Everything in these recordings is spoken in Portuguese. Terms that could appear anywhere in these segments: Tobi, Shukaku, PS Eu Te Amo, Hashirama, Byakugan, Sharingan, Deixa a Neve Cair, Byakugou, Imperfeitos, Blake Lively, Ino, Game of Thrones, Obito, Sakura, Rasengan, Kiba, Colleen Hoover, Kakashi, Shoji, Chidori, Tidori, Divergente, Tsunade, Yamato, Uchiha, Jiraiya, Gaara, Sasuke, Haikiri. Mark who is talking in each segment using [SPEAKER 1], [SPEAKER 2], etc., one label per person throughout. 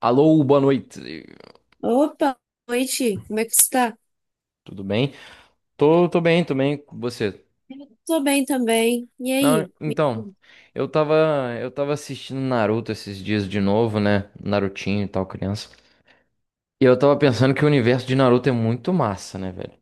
[SPEAKER 1] Alô, boa noite.
[SPEAKER 2] Opa, boa noite. Como é que você tá?
[SPEAKER 1] Tudo bem? Tô bem, tô bem. Você?
[SPEAKER 2] Eu tô bem também. E
[SPEAKER 1] Não,
[SPEAKER 2] aí?
[SPEAKER 1] então, eu tava, eu tava assistindo Naruto esses dias de novo, né? Narutinho e tal, criança. E eu tava pensando que o universo de Naruto é muito massa, né, velho?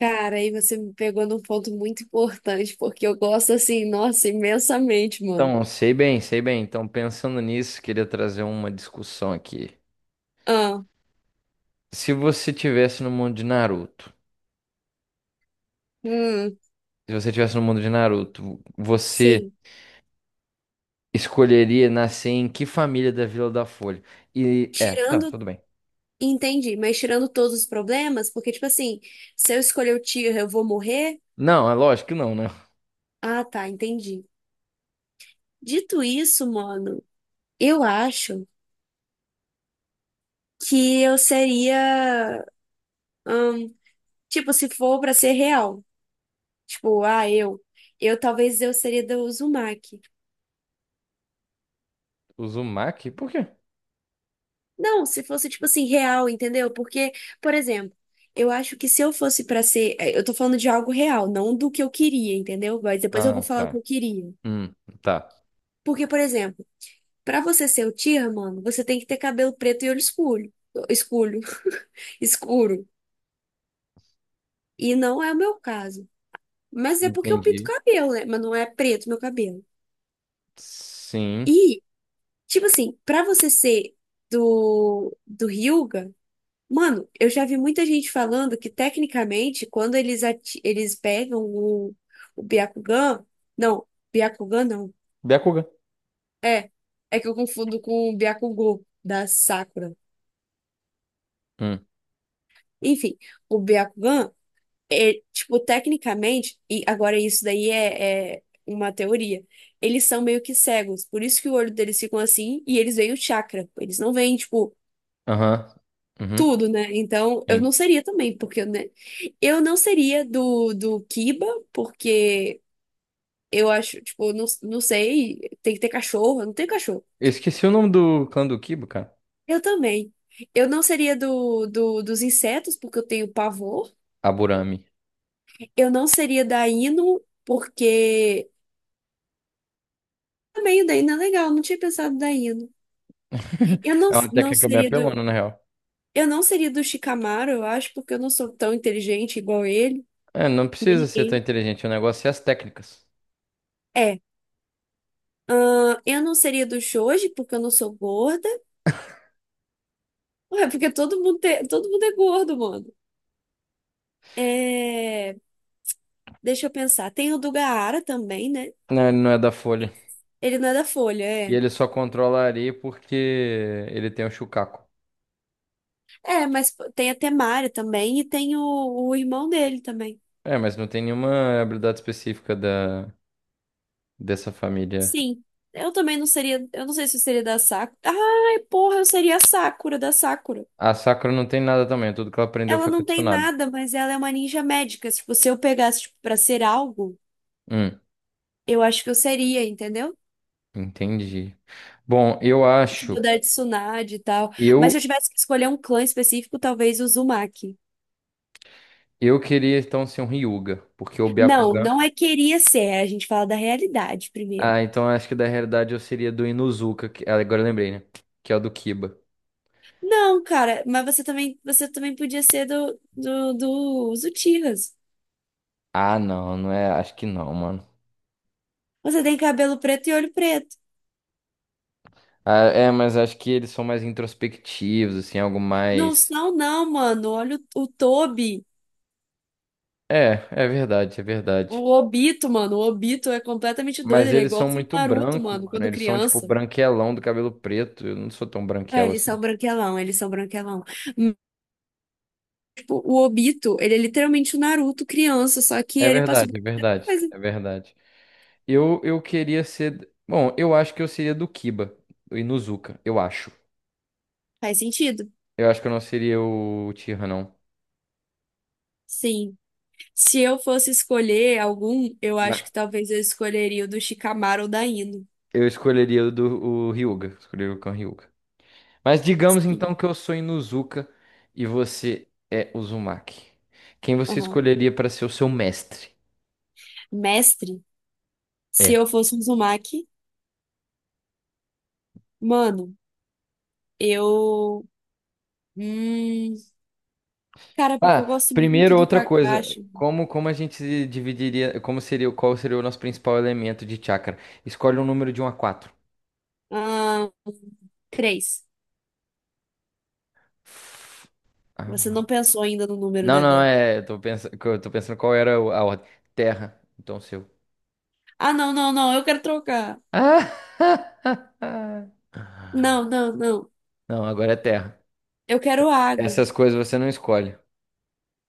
[SPEAKER 2] Cara, aí você me pegou num ponto muito importante, porque eu gosto assim, nossa, imensamente, mano.
[SPEAKER 1] Então, sei bem. Então, pensando nisso, queria trazer uma discussão aqui.
[SPEAKER 2] Ah,
[SPEAKER 1] Se você tivesse no mundo de Naruto,
[SPEAKER 2] hum,
[SPEAKER 1] Se você tivesse no mundo de Naruto, você
[SPEAKER 2] sim.
[SPEAKER 1] escolheria nascer em que família da Vila da Folha? E é, tá,
[SPEAKER 2] Tirando,
[SPEAKER 1] tudo bem.
[SPEAKER 2] entendi, mas tirando todos os problemas, porque, tipo assim, se eu escolher o tiro, eu vou morrer?
[SPEAKER 1] Não, é lógico que não, né?
[SPEAKER 2] Ah, tá, entendi. Dito isso, mano, eu acho que eu seria, hum, tipo, se for pra ser real. Tipo, ah, eu. Eu talvez eu seria da Uzumaki.
[SPEAKER 1] Uzumaki? Por quê?
[SPEAKER 2] Não, se fosse, tipo assim, real, entendeu? Porque, por exemplo, eu acho que se eu fosse pra ser. Eu tô falando de algo real, não do que eu queria, entendeu? Mas depois eu
[SPEAKER 1] Ah,
[SPEAKER 2] vou falar o que
[SPEAKER 1] tá.
[SPEAKER 2] eu queria.
[SPEAKER 1] Hum, tá.
[SPEAKER 2] Porque, por exemplo, pra você ser o Tira mano, você tem que ter cabelo preto e olho escuro. Escuro. Escuro. E não é o meu caso. Mas é porque eu pinto
[SPEAKER 1] Entendi.
[SPEAKER 2] cabelo, né? Mas não é preto meu cabelo.
[SPEAKER 1] Sim.
[SPEAKER 2] E, tipo assim, pra você ser do Hyuga. Mano, eu já vi muita gente falando que, tecnicamente, quando eles, eles pegam o Byakugan. Não, Byakugan não.
[SPEAKER 1] Byakugan.
[SPEAKER 2] É, é que eu confundo com o Byakugou da Sakura.
[SPEAKER 1] Hum.
[SPEAKER 2] Enfim, o Byakugan, é, tipo, tecnicamente, e agora isso daí é, é uma teoria. Eles são meio que cegos, por isso que o olho deles ficam assim e eles veem o chakra. Eles não veem, tipo.
[SPEAKER 1] Aham. Uhum.
[SPEAKER 2] Tudo, né? Então, eu
[SPEAKER 1] Sim.
[SPEAKER 2] não seria também, porque, né? Eu não seria do Kiba, porque eu acho, tipo, não, não sei, tem que ter cachorro, eu não tenho cachorro.
[SPEAKER 1] Eu esqueci o nome do clã do Kibo, cara.
[SPEAKER 2] Eu também. Eu não seria dos insetos, porque eu tenho pavor.
[SPEAKER 1] Aburami.
[SPEAKER 2] Eu não seria da Hino, porque também o da Hino é legal, não tinha pensado da Hino. Eu não,
[SPEAKER 1] É uma
[SPEAKER 2] não
[SPEAKER 1] técnica bem
[SPEAKER 2] seria
[SPEAKER 1] apelona, na real.
[SPEAKER 2] eu não seria do Shikamaru, eu acho, porque eu não sou tão inteligente igual ele,
[SPEAKER 1] É, não
[SPEAKER 2] nem
[SPEAKER 1] precisa ser tão
[SPEAKER 2] ninguém.
[SPEAKER 1] inteligente. O negócio é as técnicas.
[SPEAKER 2] É. Eu não seria do shoji, porque eu não sou gorda. Ué, porque todo mundo, todo mundo é gordo, mano. É, deixa eu pensar. Tem o do Gaara também, né?
[SPEAKER 1] Não, ele não é da Folha.
[SPEAKER 2] Ele não é da Folha,
[SPEAKER 1] E
[SPEAKER 2] é.
[SPEAKER 1] ele só controla a areia porque ele tem o Shukaku.
[SPEAKER 2] É, mas pô, tem a Temária também e tem o irmão dele também.
[SPEAKER 1] É, mas não tem nenhuma habilidade específica da dessa família.
[SPEAKER 2] Sim. Eu também não seria. Eu não sei se eu seria da Sakura. Ai, porra, eu seria a Sakura da Sakura.
[SPEAKER 1] A Sakura não tem nada também. Tudo que ela aprendeu
[SPEAKER 2] Ela
[SPEAKER 1] foi com a
[SPEAKER 2] não tem
[SPEAKER 1] Tsunade.
[SPEAKER 2] nada, mas ela é uma ninja médica. Tipo, se eu pegasse, tipo, pra ser algo,
[SPEAKER 1] Hum.
[SPEAKER 2] eu acho que eu seria, entendeu?
[SPEAKER 1] Entendi. Bom, eu
[SPEAKER 2] Tipo
[SPEAKER 1] acho.
[SPEAKER 2] da Tsunade e tal. Mas se
[SPEAKER 1] Eu
[SPEAKER 2] eu tivesse que escolher um clã específico, talvez o Uzumaki.
[SPEAKER 1] eu queria então ser um Ryuga, porque o
[SPEAKER 2] Não,
[SPEAKER 1] Byakugan.
[SPEAKER 2] não é queria ser. A gente fala da realidade primeiro.
[SPEAKER 1] Ah, então acho que da realidade eu seria do Inuzuka, que ah, agora eu lembrei, né? Que é o do Kiba.
[SPEAKER 2] Não, cara, mas você também podia ser dos Uchihas.
[SPEAKER 1] Ah, não, não é. Acho que não, mano.
[SPEAKER 2] Você tem cabelo preto e olho preto.
[SPEAKER 1] Ah, é, mas acho que eles são mais introspectivos, assim, algo
[SPEAKER 2] Não
[SPEAKER 1] mais.
[SPEAKER 2] são, não, mano. Olha o Tobi.
[SPEAKER 1] É verdade.
[SPEAKER 2] O Obito, mano. O Obito é completamente doido.
[SPEAKER 1] Mas
[SPEAKER 2] Ele é
[SPEAKER 1] eles são
[SPEAKER 2] igualzinho o
[SPEAKER 1] muito
[SPEAKER 2] Naruto,
[SPEAKER 1] branco,
[SPEAKER 2] mano,
[SPEAKER 1] mano.
[SPEAKER 2] quando
[SPEAKER 1] Eles são tipo
[SPEAKER 2] criança.
[SPEAKER 1] branquelão do cabelo preto. Eu não sou tão
[SPEAKER 2] É,
[SPEAKER 1] branquelo
[SPEAKER 2] eles
[SPEAKER 1] assim.
[SPEAKER 2] são branquelão, eles são branquelão. O, Obito, ele é literalmente o Naruto criança, só que ele passou por muita coisa.
[SPEAKER 1] É verdade. Eu queria ser. Bom, eu acho que eu seria do Kiba, do Inuzuka, eu acho.
[SPEAKER 2] Faz sentido?
[SPEAKER 1] Eu acho que eu não seria o Tira não.
[SPEAKER 2] Sim. Se eu fosse escolher algum, eu
[SPEAKER 1] Mas
[SPEAKER 2] acho que talvez eu escolheria o do Shikamaru ou da Ino.
[SPEAKER 1] eu escolheria o do o Ryuga. Escolheria o Cão Ryuga. Mas digamos
[SPEAKER 2] Sim.
[SPEAKER 1] então que eu sou Inuzuka e você é Uzumaki. Quem você
[SPEAKER 2] Aham.
[SPEAKER 1] escolheria para ser o seu mestre?
[SPEAKER 2] Mestre, se
[SPEAKER 1] É.
[SPEAKER 2] eu fosse um Uzumaki, mano, eu. Hum... Cara, porque eu
[SPEAKER 1] Ah,
[SPEAKER 2] gosto muito
[SPEAKER 1] primeiro
[SPEAKER 2] do
[SPEAKER 1] outra coisa.
[SPEAKER 2] Kakashi.
[SPEAKER 1] Como a gente dividiria. Como seria, qual seria o nosso principal elemento de chakra? Escolhe um número de um a quatro.
[SPEAKER 2] Ah, três. Você não pensou ainda no número,
[SPEAKER 1] Não,
[SPEAKER 2] né,
[SPEAKER 1] não,
[SPEAKER 2] velho?
[SPEAKER 1] é. Eu tô pensando qual era a ordem. Terra, então seu.
[SPEAKER 2] Ah, não, não, não, eu quero trocar.
[SPEAKER 1] Ah!
[SPEAKER 2] Não, não, não.
[SPEAKER 1] Não, agora é terra.
[SPEAKER 2] Eu quero água.
[SPEAKER 1] Essas coisas você não escolhe.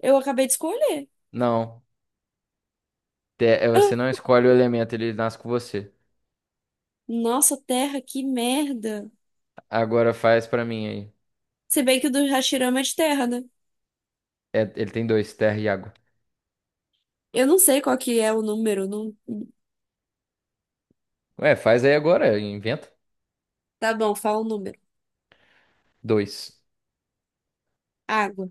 [SPEAKER 2] Eu acabei de escolher.
[SPEAKER 1] Não. Você não
[SPEAKER 2] Ah,
[SPEAKER 1] escolhe o elemento, ele nasce com você.
[SPEAKER 2] nossa, terra, que merda.
[SPEAKER 1] Agora faz pra mim aí.
[SPEAKER 2] Se bem que o do Hashirama é de terra, né?
[SPEAKER 1] É, ele tem dois, terra e água.
[SPEAKER 2] Eu não sei qual que é o número. Não...
[SPEAKER 1] Ué, faz aí agora, inventa.
[SPEAKER 2] Tá bom, fala o número.
[SPEAKER 1] Dois.
[SPEAKER 2] Água.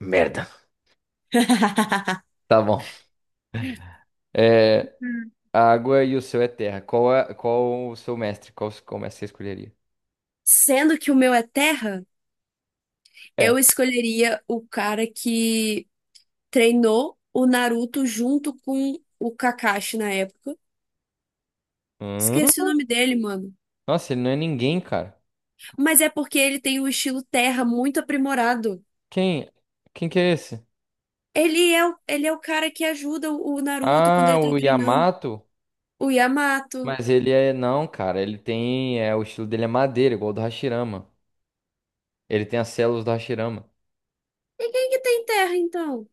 [SPEAKER 1] Merda. Tá bom. É, a água e o seu é terra. Qual o seu mestre? Qual mestre você escolheria?
[SPEAKER 2] Sendo que o meu é terra, eu
[SPEAKER 1] É.
[SPEAKER 2] escolheria o cara que treinou o Naruto junto com o Kakashi na época. Esqueci o
[SPEAKER 1] Hum?
[SPEAKER 2] nome dele, mano.
[SPEAKER 1] Nossa, ele não é ninguém, cara.
[SPEAKER 2] Mas é porque ele tem o estilo terra muito aprimorado.
[SPEAKER 1] Quem? Quem que é esse?
[SPEAKER 2] Ele é ele é o cara que ajuda o Naruto quando
[SPEAKER 1] Ah,
[SPEAKER 2] ele tá
[SPEAKER 1] o
[SPEAKER 2] treinando.
[SPEAKER 1] Yamato.
[SPEAKER 2] O Yamato.
[SPEAKER 1] Mas ele é. Não, cara. Ele tem. É, o estilo dele é madeira, igual o do Hashirama. Ele tem as células do Hashirama.
[SPEAKER 2] E quem que tem terra, então?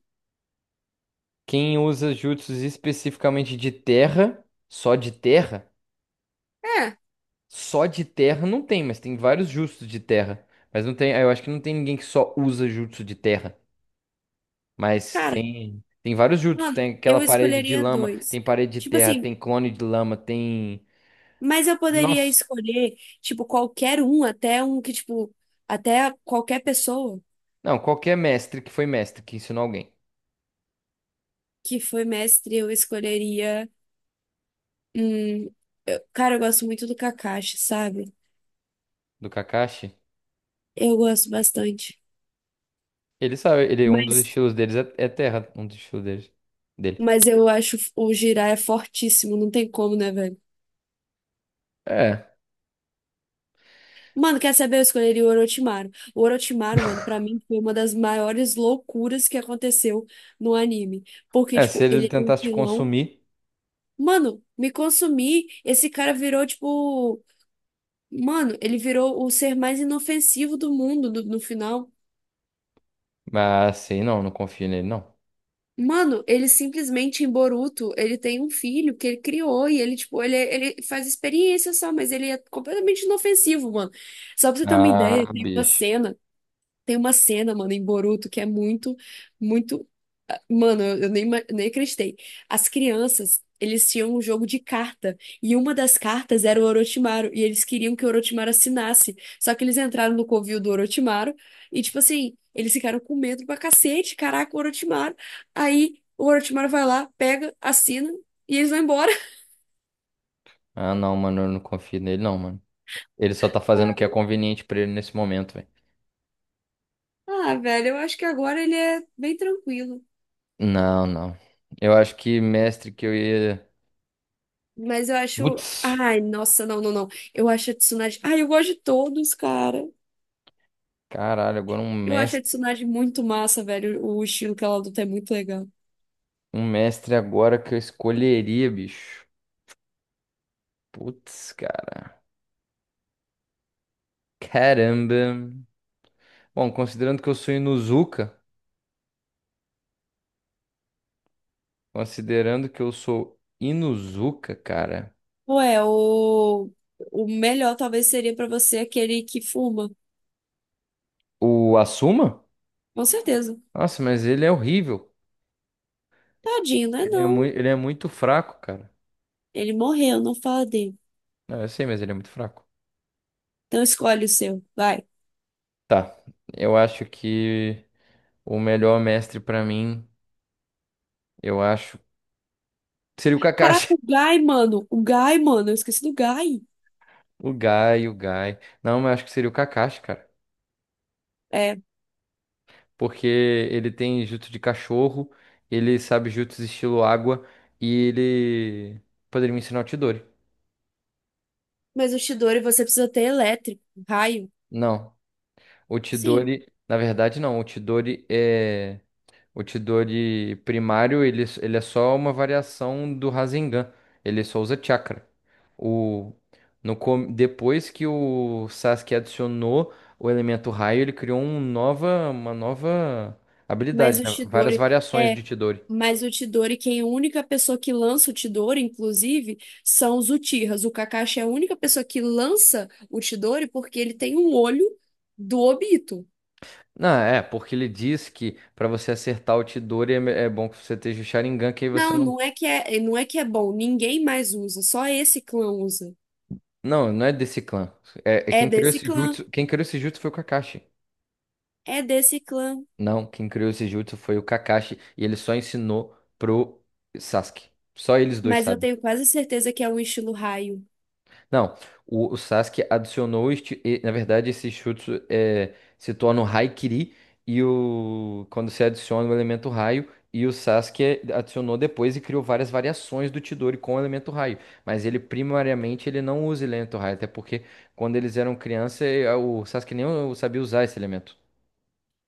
[SPEAKER 1] Quem usa jutsus especificamente de terra, só de terra,
[SPEAKER 2] É,
[SPEAKER 1] só de terra não tem, mas tem vários jutsus de terra. Mas não tem. Eu acho que não tem ninguém que só usa jutsu de terra. Mas
[SPEAKER 2] cara,
[SPEAKER 1] tem. Tem vários jutsus.
[SPEAKER 2] mano,
[SPEAKER 1] Tem aquela
[SPEAKER 2] eu
[SPEAKER 1] parede de
[SPEAKER 2] escolheria
[SPEAKER 1] lama,
[SPEAKER 2] dois.
[SPEAKER 1] tem parede de
[SPEAKER 2] Tipo
[SPEAKER 1] terra,
[SPEAKER 2] assim,
[SPEAKER 1] tem clone de lama, tem.
[SPEAKER 2] mas eu poderia
[SPEAKER 1] Nossa.
[SPEAKER 2] escolher, tipo, qualquer um, até um que, tipo, até qualquer pessoa
[SPEAKER 1] Não, qualquer mestre que foi mestre, que ensinou alguém
[SPEAKER 2] que foi mestre, eu escolheria. Hum, cara, eu gosto muito do Kakashi, sabe?
[SPEAKER 1] do Kakashi,
[SPEAKER 2] Eu gosto bastante.
[SPEAKER 1] ele sabe, ele, um dos
[SPEAKER 2] Mas,
[SPEAKER 1] estilos deles é, é terra, um dos estilos deles, dele.
[SPEAKER 2] mas eu acho o Jiraiya fortíssimo, não tem como, né, velho?
[SPEAKER 1] É,
[SPEAKER 2] Mano, quer saber? Eu escolheria o Orochimaru. O Orochimaru, mano, pra mim foi uma das maiores loucuras que aconteceu no anime. Porque,
[SPEAKER 1] é, se
[SPEAKER 2] tipo,
[SPEAKER 1] ele
[SPEAKER 2] ele é um
[SPEAKER 1] tentasse te
[SPEAKER 2] vilão.
[SPEAKER 1] consumir,
[SPEAKER 2] Mano, me consumi. Esse cara virou, tipo. Mano, ele virou o ser mais inofensivo do no final.
[SPEAKER 1] mas assim, não, não confio nele, não.
[SPEAKER 2] Mano, ele simplesmente em Boruto, ele tem um filho que ele criou e ele, tipo, ele, é, ele faz experiência só, mas ele é completamente inofensivo, mano. Só pra você ter uma ideia,
[SPEAKER 1] Ah,
[SPEAKER 2] tem uma
[SPEAKER 1] bicho.
[SPEAKER 2] cena. Tem uma cena, mano, em Boruto que é muito, muito. Mano, eu nem, nem acreditei. As crianças, eles tinham um jogo de carta. E uma das cartas era o Orochimaru. E eles queriam que o Orochimaru assinasse. Só que eles entraram no covil do Orochimaru. E, tipo assim, eles ficaram com medo pra cacete. Caraca, o Orochimaru. Aí o Orochimaru vai lá, pega, assina. E eles vão embora.
[SPEAKER 1] Ah, não, mano, eu não confio nele, não, mano. Ele só tá fazendo o que é conveniente pra ele nesse momento, velho.
[SPEAKER 2] Ah, velho, eu acho que agora ele é bem tranquilo.
[SPEAKER 1] Não, não. Eu acho que mestre que eu ia.
[SPEAKER 2] Mas eu acho.
[SPEAKER 1] Putz,
[SPEAKER 2] Ai, nossa, não, não, não. Eu acho a Tsunade. Ai, eu gosto de todos, cara.
[SPEAKER 1] caralho, agora
[SPEAKER 2] Eu acho a Tsunade muito massa, velho. O estilo que ela luta é muito legal.
[SPEAKER 1] um mestre agora que eu escolheria, bicho. Putz, cara. Caramba. Bom, considerando que eu sou Inuzuka, considerando que eu sou Inuzuka, cara,
[SPEAKER 2] Ué, o melhor talvez seria pra você aquele que fuma.
[SPEAKER 1] o Asuma?
[SPEAKER 2] Com certeza.
[SPEAKER 1] Nossa, mas ele é horrível.
[SPEAKER 2] Tadinho, né? Não.
[SPEAKER 1] Ele é muito fraco, cara.
[SPEAKER 2] Ele morreu, não fala dele.
[SPEAKER 1] Não, eu sei, mas ele é muito fraco.
[SPEAKER 2] Então escolhe o seu. Vai.
[SPEAKER 1] Tá, eu acho que o melhor mestre pra mim, eu acho, seria o
[SPEAKER 2] Caraca,
[SPEAKER 1] Kakashi.
[SPEAKER 2] o Guy, mano. O Guy, mano. Eu esqueci do Guy.
[SPEAKER 1] O Gai. Não, mas acho que seria o Kakashi, cara.
[SPEAKER 2] É.
[SPEAKER 1] Porque ele tem jutsu de cachorro, ele sabe jutsu estilo água e ele poderia me ensinar o Chidori.
[SPEAKER 2] Mas o Chidori você precisa ter elétrico, raio.
[SPEAKER 1] Não. O
[SPEAKER 2] Sim.
[SPEAKER 1] Tidori, na verdade, não. O Tidori é. O Tidori primário, ele é só uma variação do Rasengan. Ele só usa chakra. O, no, com- depois que o Sasuke adicionou o elemento raio, ele criou uma nova
[SPEAKER 2] Mas
[SPEAKER 1] habilidade,
[SPEAKER 2] o
[SPEAKER 1] né? Várias
[SPEAKER 2] Chidori
[SPEAKER 1] variações
[SPEAKER 2] é,
[SPEAKER 1] de Tidori.
[SPEAKER 2] mas o Chidori, quem é a única pessoa que lança o Chidori, inclusive, são os Uchihas. O Kakashi é a única pessoa que lança o Chidori porque ele tem um olho do Obito.
[SPEAKER 1] Não, é, porque ele diz que para você acertar o Tidori é, é bom que você esteja o Sharingan, que aí você não.
[SPEAKER 2] Não é que é bom, ninguém mais usa, só esse clã usa.
[SPEAKER 1] Não, não é desse clã. É, é
[SPEAKER 2] É
[SPEAKER 1] quem criou
[SPEAKER 2] desse
[SPEAKER 1] esse
[SPEAKER 2] clã,
[SPEAKER 1] jutsu, foi o Kakashi.
[SPEAKER 2] é desse clã,
[SPEAKER 1] Não, quem criou esse jutsu foi o Kakashi e ele só ensinou pro Sasuke. Só eles dois
[SPEAKER 2] mas eu
[SPEAKER 1] sabem.
[SPEAKER 2] tenho quase certeza que é um estilo raio.
[SPEAKER 1] Não, o Sasuke adicionou este, e, na verdade esse jutsu é, se torna o Haikiri e o quando se adiciona o elemento raio e o Sasuke adicionou depois e criou várias variações do Chidori com o elemento raio, mas ele primariamente ele não usa elemento raio, até porque quando eles eram criança eh, o Sasuke nem sabia usar esse elemento.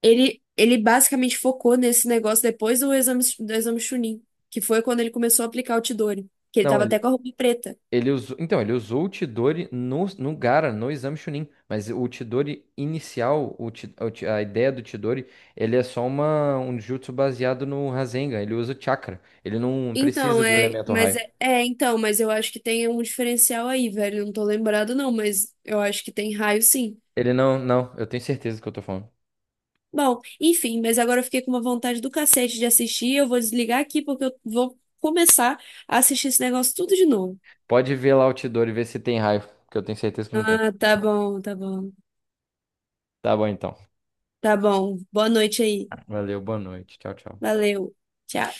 [SPEAKER 2] Ele ele basicamente focou nesse negócio depois do exame Chunin, que foi quando ele começou a aplicar o Chidori. Que ele
[SPEAKER 1] Não,
[SPEAKER 2] tava até com a roupa preta.
[SPEAKER 1] Ele usou o Chidori no Gaara, no exame Chunin, mas o Chidori inicial, a ideia do Chidori, ele é só um jutsu baseado no Rasengan, ele usa o chakra, ele não
[SPEAKER 2] Então,
[SPEAKER 1] precisa do elemento raio.
[SPEAKER 2] então, mas eu acho que tem um diferencial aí, velho. Eu não tô lembrado, não, mas eu acho que tem raio sim.
[SPEAKER 1] Ele não, não, eu tenho certeza do que eu tô falando.
[SPEAKER 2] Bom, enfim, mas agora eu fiquei com uma vontade do cacete de assistir. Eu vou desligar aqui porque eu vou começar a assistir esse negócio tudo de novo.
[SPEAKER 1] Pode ver lá o Chidori e ver se tem raio, porque eu tenho certeza que não tem.
[SPEAKER 2] Ah, tá bom, tá bom.
[SPEAKER 1] Tá bom então.
[SPEAKER 2] Tá bom. Boa noite aí.
[SPEAKER 1] Valeu, boa noite. Tchau, tchau.
[SPEAKER 2] Valeu. Tchau.